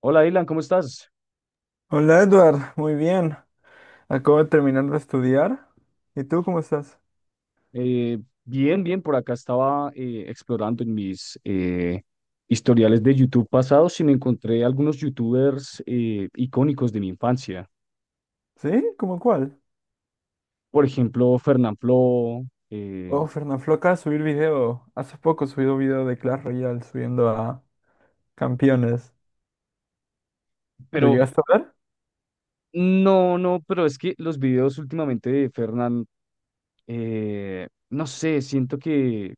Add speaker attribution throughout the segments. Speaker 1: Hola, Dylan, ¿cómo estás?
Speaker 2: Hola Edward, muy bien. Acabo de terminar de estudiar. ¿Y tú cómo estás?
Speaker 1: Eh, bien, bien, por acá estaba explorando en mis historiales de YouTube pasados y me encontré algunos YouTubers icónicos de mi infancia.
Speaker 2: ¿Sí? ¿Cómo cuál?
Speaker 1: Por ejemplo, Fernanfloo, eh,
Speaker 2: Oh, Fernanfloo, acaba de subir video. Hace poco subió un video de Clash Royale subiendo a campeones. ¿Lo
Speaker 1: pero
Speaker 2: llegaste a ver?
Speaker 1: no, no, pero es que los videos últimamente de Fernan, no sé, siento que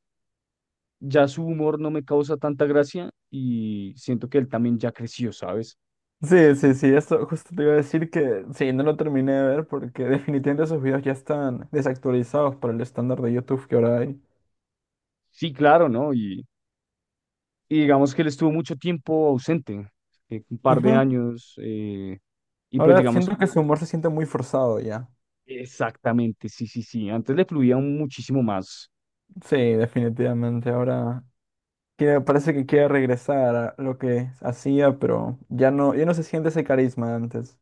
Speaker 1: ya su humor no me causa tanta gracia y siento que él también ya creció, ¿sabes?
Speaker 2: Sí, sí, sí, esto justo te iba a decir que sí, no lo terminé de ver porque definitivamente esos videos ya están desactualizados para el estándar de YouTube que ahora hay.
Speaker 1: Sí, claro, ¿no? Y digamos que él estuvo mucho tiempo ausente, un par de
Speaker 2: Ujú.
Speaker 1: años, y pues
Speaker 2: Ahora
Speaker 1: digamos,
Speaker 2: siento que su humor se siente muy forzado ya.
Speaker 1: exactamente, sí, sí, sí, antes le fluía muchísimo más.
Speaker 2: Sí, definitivamente. Ahora que me parece que quiere regresar a lo que hacía, pero ya no, ya no se siente ese carisma de antes.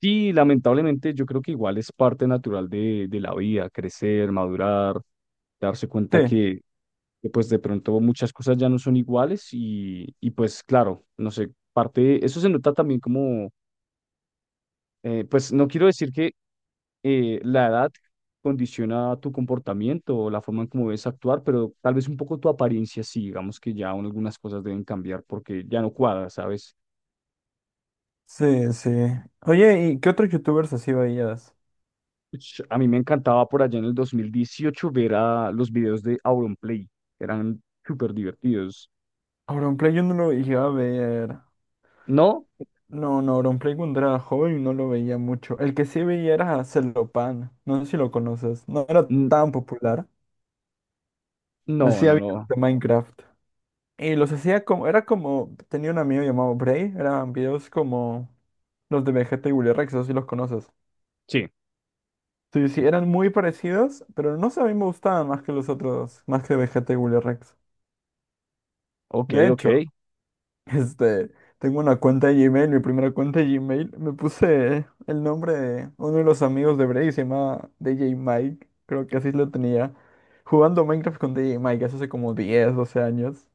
Speaker 1: Sí, lamentablemente yo creo que igual es parte natural de la vida, crecer, madurar, darse
Speaker 2: Sí,
Speaker 1: cuenta que, pues de pronto muchas cosas ya no son iguales y pues claro, no sé, parte, eso se nota también como, pues no quiero decir que la edad condiciona tu comportamiento o la forma en cómo debes actuar, pero tal vez un poco tu apariencia, sí, digamos que ya aún algunas cosas deben cambiar porque ya no cuadra, ¿sabes?
Speaker 2: sí, sí. Oye, ¿y qué otros youtubers así veías?
Speaker 1: Ush, a mí me encantaba por allá en el 2018 ver a los videos de Auronplay, eran súper divertidos.
Speaker 2: Auronplay yo no lo llegaba a ver.
Speaker 1: ¿No?
Speaker 2: No, no, Auronplay cuando era joven no lo veía mucho. El que sí veía era Celopan. No sé si lo conoces. No era
Speaker 1: N-
Speaker 2: tan popular.
Speaker 1: No,
Speaker 2: Hacía
Speaker 1: no,
Speaker 2: videos
Speaker 1: no.
Speaker 2: de Minecraft. Y los hacía como, era como, tenía un amigo llamado Bray. Eran videos como los de Vegeta y Willy Rex, no sé si los conoces.
Speaker 1: Sí,
Speaker 2: Sí, sí, eran muy parecidos, pero no sé, a mí me gustaban más que los otros, más que Vegeta y Willy Rex.
Speaker 1: ok,
Speaker 2: De
Speaker 1: ok,
Speaker 2: hecho, este, tengo una cuenta de Gmail, mi primera cuenta de Gmail, me puse el nombre de uno de los amigos de Bray, se llama DJ Mike, creo que así lo tenía, jugando Minecraft con DJ Mike hace como 10, 12 años,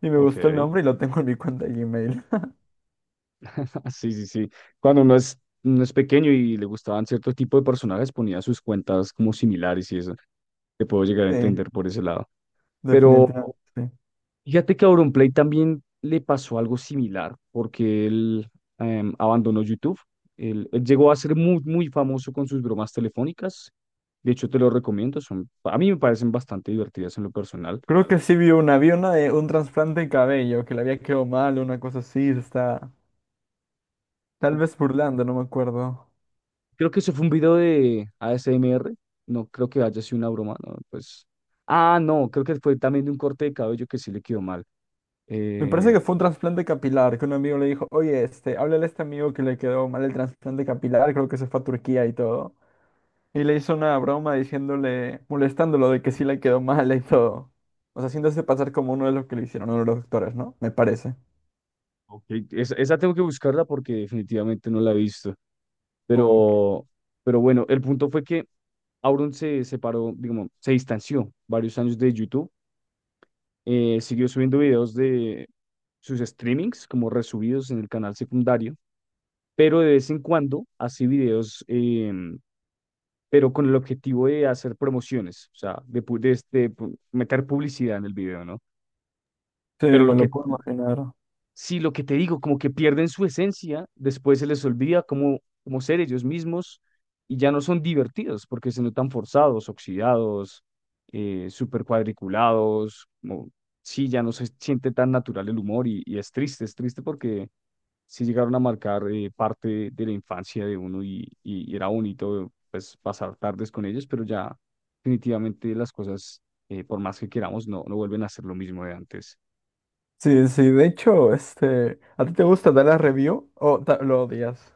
Speaker 2: y me gustó el
Speaker 1: ok.
Speaker 2: nombre y lo tengo en mi cuenta de Gmail.
Speaker 1: Sí, sí, sí. Uno es pequeño y le gustaban cierto tipo de personajes, ponía sus cuentas como similares y eso. Te puedo llegar a
Speaker 2: Sí,
Speaker 1: entender por ese lado. Pero
Speaker 2: definitivamente. Sí.
Speaker 1: fíjate que a Auronplay también le pasó algo similar, porque él abandonó YouTube. Él llegó a ser muy, muy famoso con sus bromas telefónicas. De hecho, te lo recomiendo. Son, a mí me parecen bastante divertidas en lo personal.
Speaker 2: Creo que sí vi una de un trasplante de cabello, que le había quedado mal, una cosa así, está... Tal vez burlando, no me acuerdo.
Speaker 1: Creo que eso fue un video de ASMR. No creo que haya sido una broma, no, pues. Ah, no, creo que fue también de un corte de cabello que sí le quedó mal.
Speaker 2: Me parece
Speaker 1: Eh,
Speaker 2: que fue un trasplante capilar, que un amigo le dijo, oye, este, háblale a este amigo que le quedó mal el trasplante capilar, creo que se fue a Turquía y todo. Y le hizo una broma diciéndole, molestándolo de que sí le quedó mal y todo. O sea, haciéndose pasar como uno de los que le hicieron, uno de los doctores, ¿no? Me parece.
Speaker 1: ok, esa, esa tengo que buscarla porque definitivamente no la he visto.
Speaker 2: Ok.
Speaker 1: Pero, pero bueno, el punto fue que Auron se separó, digamos, se distanció varios años de YouTube, siguió subiendo videos de sus streamings como resubidos en el canal secundario, pero de vez en cuando hace videos, pero con el objetivo de hacer promociones, o sea, de, pu- de este, pu- meter publicidad en el video, ¿no?
Speaker 2: Sí,
Speaker 1: Pero
Speaker 2: me
Speaker 1: lo
Speaker 2: lo
Speaker 1: que
Speaker 2: puedo imaginar.
Speaker 1: Sí, lo que te digo, como que pierden su esencia, después se les olvida cómo, cómo ser ellos mismos y ya no son divertidos porque se notan forzados, oxidados, súper cuadriculados, como, sí, ya no se siente tan natural el humor y es triste porque sí llegaron a marcar parte de la infancia de uno y era bonito pues pasar tardes con ellos, pero ya definitivamente las cosas, por más que queramos, no, no vuelven a ser lo mismo de antes.
Speaker 2: Sí, sí, de hecho, este, ¿a ti te gusta dar la review o ta- lo odias?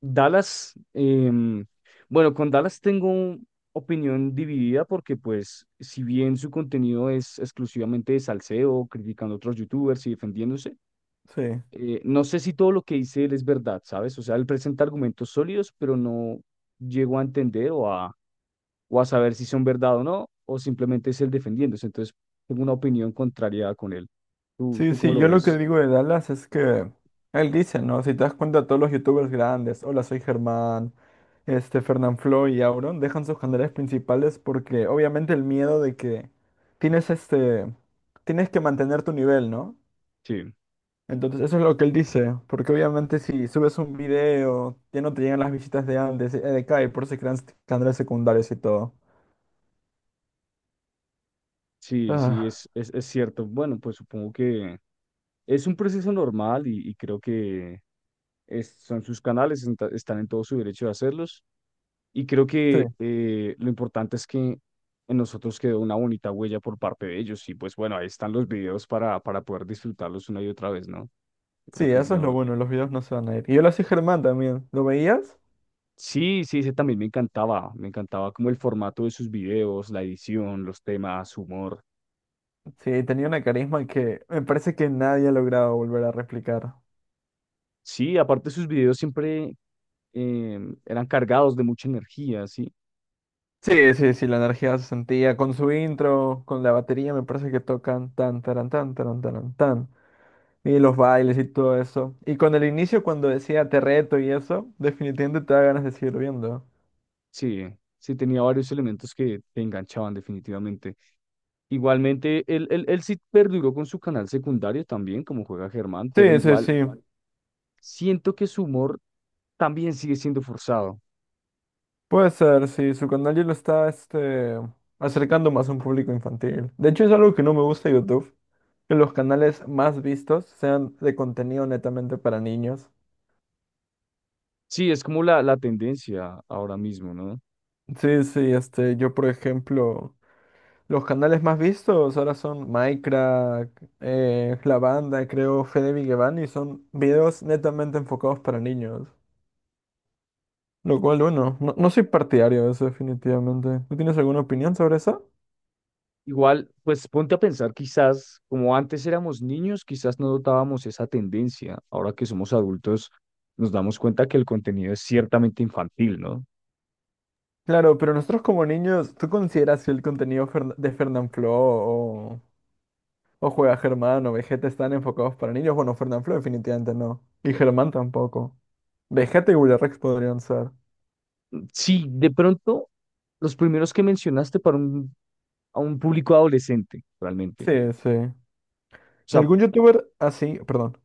Speaker 1: Dallas, bueno, con Dallas tengo opinión dividida porque pues si bien su contenido es exclusivamente de salseo, criticando a otros youtubers y defendiéndose,
Speaker 2: Sí.
Speaker 1: no sé si todo lo que dice él es verdad, ¿sabes? O sea, él presenta argumentos sólidos, pero no llego a entender o a saber si son verdad o no, o simplemente es él defendiéndose. Entonces, tengo una opinión contraria con él.
Speaker 2: Sí,
Speaker 1: Tú cómo
Speaker 2: sí,
Speaker 1: lo
Speaker 2: yo lo que
Speaker 1: ves?
Speaker 2: digo de Dallas es que él dice, ¿no? Si te das cuenta, todos los youtubers grandes, hola, soy Germán, este, Fernanfloo y Auron, dejan sus canales principales porque obviamente el miedo de que tienes este, tienes que mantener tu nivel, ¿no?
Speaker 1: Sí,
Speaker 2: Entonces, eso es lo que él dice, porque obviamente si subes un video, ya no te llegan las visitas de antes, de acá, y por eso se crean canales secundarios y todo.
Speaker 1: sí, sí,
Speaker 2: Ah,
Speaker 1: es cierto. Bueno, pues supongo que... Es un proceso normal y creo que son sus canales, están en todo su derecho de hacerlos. Y creo
Speaker 2: sí,
Speaker 1: que lo importante es que en nosotros quedó una bonita huella por parte de ellos. Y pues bueno, ahí están los videos para poder disfrutarlos una y otra vez, ¿no? Yo
Speaker 2: sí,
Speaker 1: creo que es
Speaker 2: eso es lo
Speaker 1: lo...
Speaker 2: bueno, los videos no se van a ir. Y hola, soy Germán también, ¿lo veías?
Speaker 1: Sí, sí, ese también me encantaba. Me encantaba como el formato de sus videos, la edición, los temas, su humor.
Speaker 2: Sí, tenía una carisma que me parece que nadie ha logrado volver a replicar.
Speaker 1: Sí, aparte sus videos siempre eran cargados de mucha energía, ¿sí?
Speaker 2: Sí, sí, sí, la energía se sentía con su intro, con la batería, me parece que tocan tan, taran, taran, tan, y los bailes y todo eso. Y con el inicio, cuando decía te reto y eso, definitivamente te da ganas de seguir viendo.
Speaker 1: Sí, sí, tenía varios elementos que te enganchaban definitivamente. Igualmente, él sí perduró con su canal secundario también, como juega Germán, pero
Speaker 2: Sí, sí,
Speaker 1: igual
Speaker 2: sí,
Speaker 1: siento que su humor también sigue siendo forzado.
Speaker 2: puede ser, sí, su canal ya lo está, este, acercando más a un público infantil. De hecho, es algo que no me gusta de YouTube, que los canales más vistos sean de contenido netamente para niños.
Speaker 1: Sí, es como la tendencia ahora mismo, ¿no?
Speaker 2: Sí, sí, este, yo por ejemplo, los canales más vistos ahora son Minecraft, La Banda, creo, Fede Vigevani, y son videos netamente enfocados para niños. Lo cual, bueno, no, no soy partidario de eso definitivamente. ¿Tú tienes alguna opinión sobre eso?
Speaker 1: Igual, pues ponte a pensar, quizás como antes éramos niños, quizás no notábamos esa tendencia. Ahora que somos adultos, nos damos cuenta que el contenido es ciertamente infantil, ¿no?
Speaker 2: Claro, pero nosotros como niños, ¿tú consideras que el contenido Fern- de Fernanfloo o Juega Germán o Vegeta están enfocados para niños? Bueno, Fernanfloo definitivamente no. Y Germán tampoco. Vegeta y Willy Rex podrían ser.
Speaker 1: Sí, de pronto, los primeros que mencionaste para un a un público adolescente, realmente.
Speaker 2: Sí,
Speaker 1: O
Speaker 2: sí. ¿Y
Speaker 1: sea,
Speaker 2: algún youtuber así, perdón,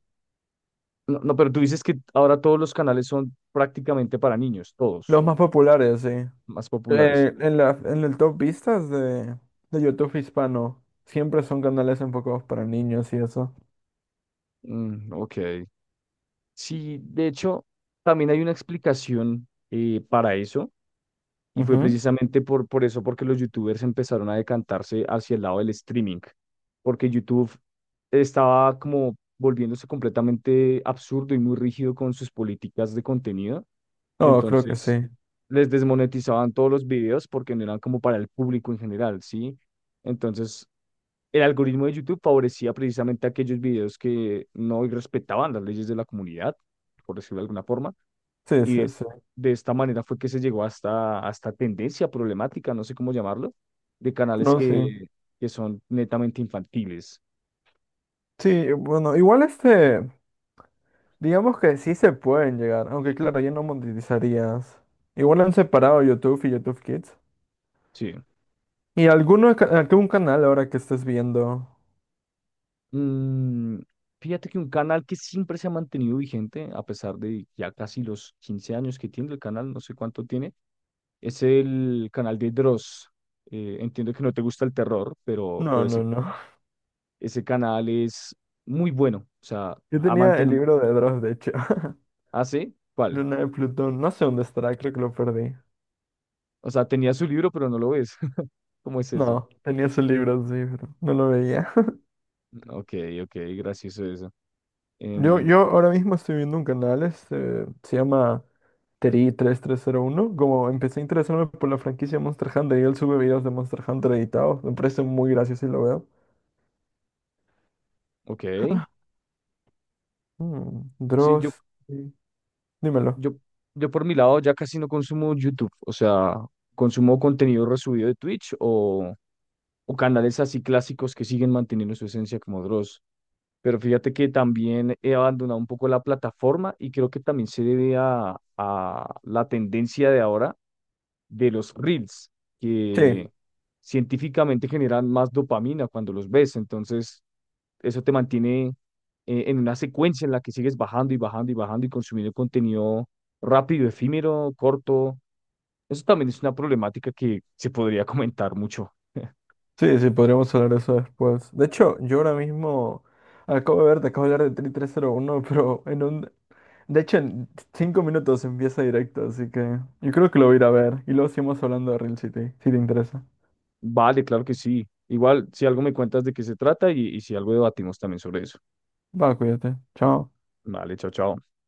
Speaker 1: no, no, pero tú dices que ahora todos los canales son prácticamente para niños, todos,
Speaker 2: los más populares, sí.
Speaker 1: más populares.
Speaker 2: En la, en el top vistas de YouTube hispano, siempre son canales enfocados para niños y eso.
Speaker 1: Mm, ok. Sí, de hecho, también hay una explicación para eso, y fue
Speaker 2: Ujú.
Speaker 1: precisamente por eso, porque los youtubers empezaron a decantarse hacia el lado del streaming, porque YouTube estaba como volviéndose completamente absurdo y muy rígido con sus políticas de contenido.
Speaker 2: No, creo que
Speaker 1: Entonces,
Speaker 2: sí.
Speaker 1: les desmonetizaban todos los videos porque no eran como para el público en general, ¿sí? Entonces, el algoritmo de YouTube favorecía precisamente aquellos videos que no respetaban las leyes de la comunidad, por decirlo de alguna forma,
Speaker 2: Sí,
Speaker 1: y
Speaker 2: sí,
Speaker 1: es-
Speaker 2: sí.
Speaker 1: de esta manera fue que se llegó hasta, hasta tendencia problemática, no sé cómo llamarlo, de canales
Speaker 2: No, sí.
Speaker 1: que son netamente infantiles,
Speaker 2: Sí, bueno, igual este, digamos que sí se pueden llegar, aunque claro, ya no monetizarías. Igual han separado YouTube y YouTube Kids.
Speaker 1: sí.
Speaker 2: ¿Y alguno, ca- algún canal ahora que estés viendo?
Speaker 1: Mm, fíjate que un canal que siempre se ha mantenido vigente, a pesar de ya casi los 15 años que tiene el canal, no sé cuánto tiene, es el canal de Dross. Entiendo que no te gusta el terror,
Speaker 2: No,
Speaker 1: pero ese,
Speaker 2: no, no.
Speaker 1: ese canal es muy bueno. O sea,
Speaker 2: Yo
Speaker 1: ha
Speaker 2: tenía el
Speaker 1: mantenido.
Speaker 2: libro de Dross, de hecho.
Speaker 1: ¿Hace? ¿Cuál?
Speaker 2: Luna de Plutón, no sé dónde estará, creo que lo perdí.
Speaker 1: O sea, tenía su libro, pero no lo ves. ¿Cómo es eso?
Speaker 2: No, tenía su libro, sí, pero no lo veía.
Speaker 1: Ok, ok, gracioso eso.
Speaker 2: Yo,
Speaker 1: Em,
Speaker 2: yo ahora mismo estoy viendo un canal, este, se llama Teri 3301. Como empecé a interesarme por la franquicia Monster Hunter y él sube videos de Monster Hunter editados, me parece muy gracioso y lo veo.
Speaker 1: ok,
Speaker 2: Mm,
Speaker 1: sí,
Speaker 2: Dross, sí, dímelo.
Speaker 1: yo, yo por mi lado ya casi no consumo YouTube, o sea, consumo contenido resubido de Twitch o canales así clásicos que siguen manteniendo su esencia como Dross. Pero fíjate que también he abandonado un poco la plataforma y creo que también se debe a la tendencia de ahora de los reels,
Speaker 2: Sí,
Speaker 1: que científicamente generan más dopamina cuando los ves. Entonces, eso te mantiene en una secuencia en la que sigues bajando y bajando y bajando y consumiendo contenido rápido, efímero, corto. Eso también es una problemática que se podría comentar mucho.
Speaker 2: sí. Sí, sí, podríamos hablar de eso después. De hecho, yo ahora mismo te acabo de hablar de Teri 301, de hecho, en 5 minutos empieza directo, así que yo creo que lo voy a ir a ver. Y luego seguimos hablando de Real City, si te interesa.
Speaker 1: Vale, claro que sí. Igual, si algo me cuentas de qué se trata y si algo debatimos también sobre eso.
Speaker 2: Va, cuídate. Chao.
Speaker 1: Vale, chao, chao.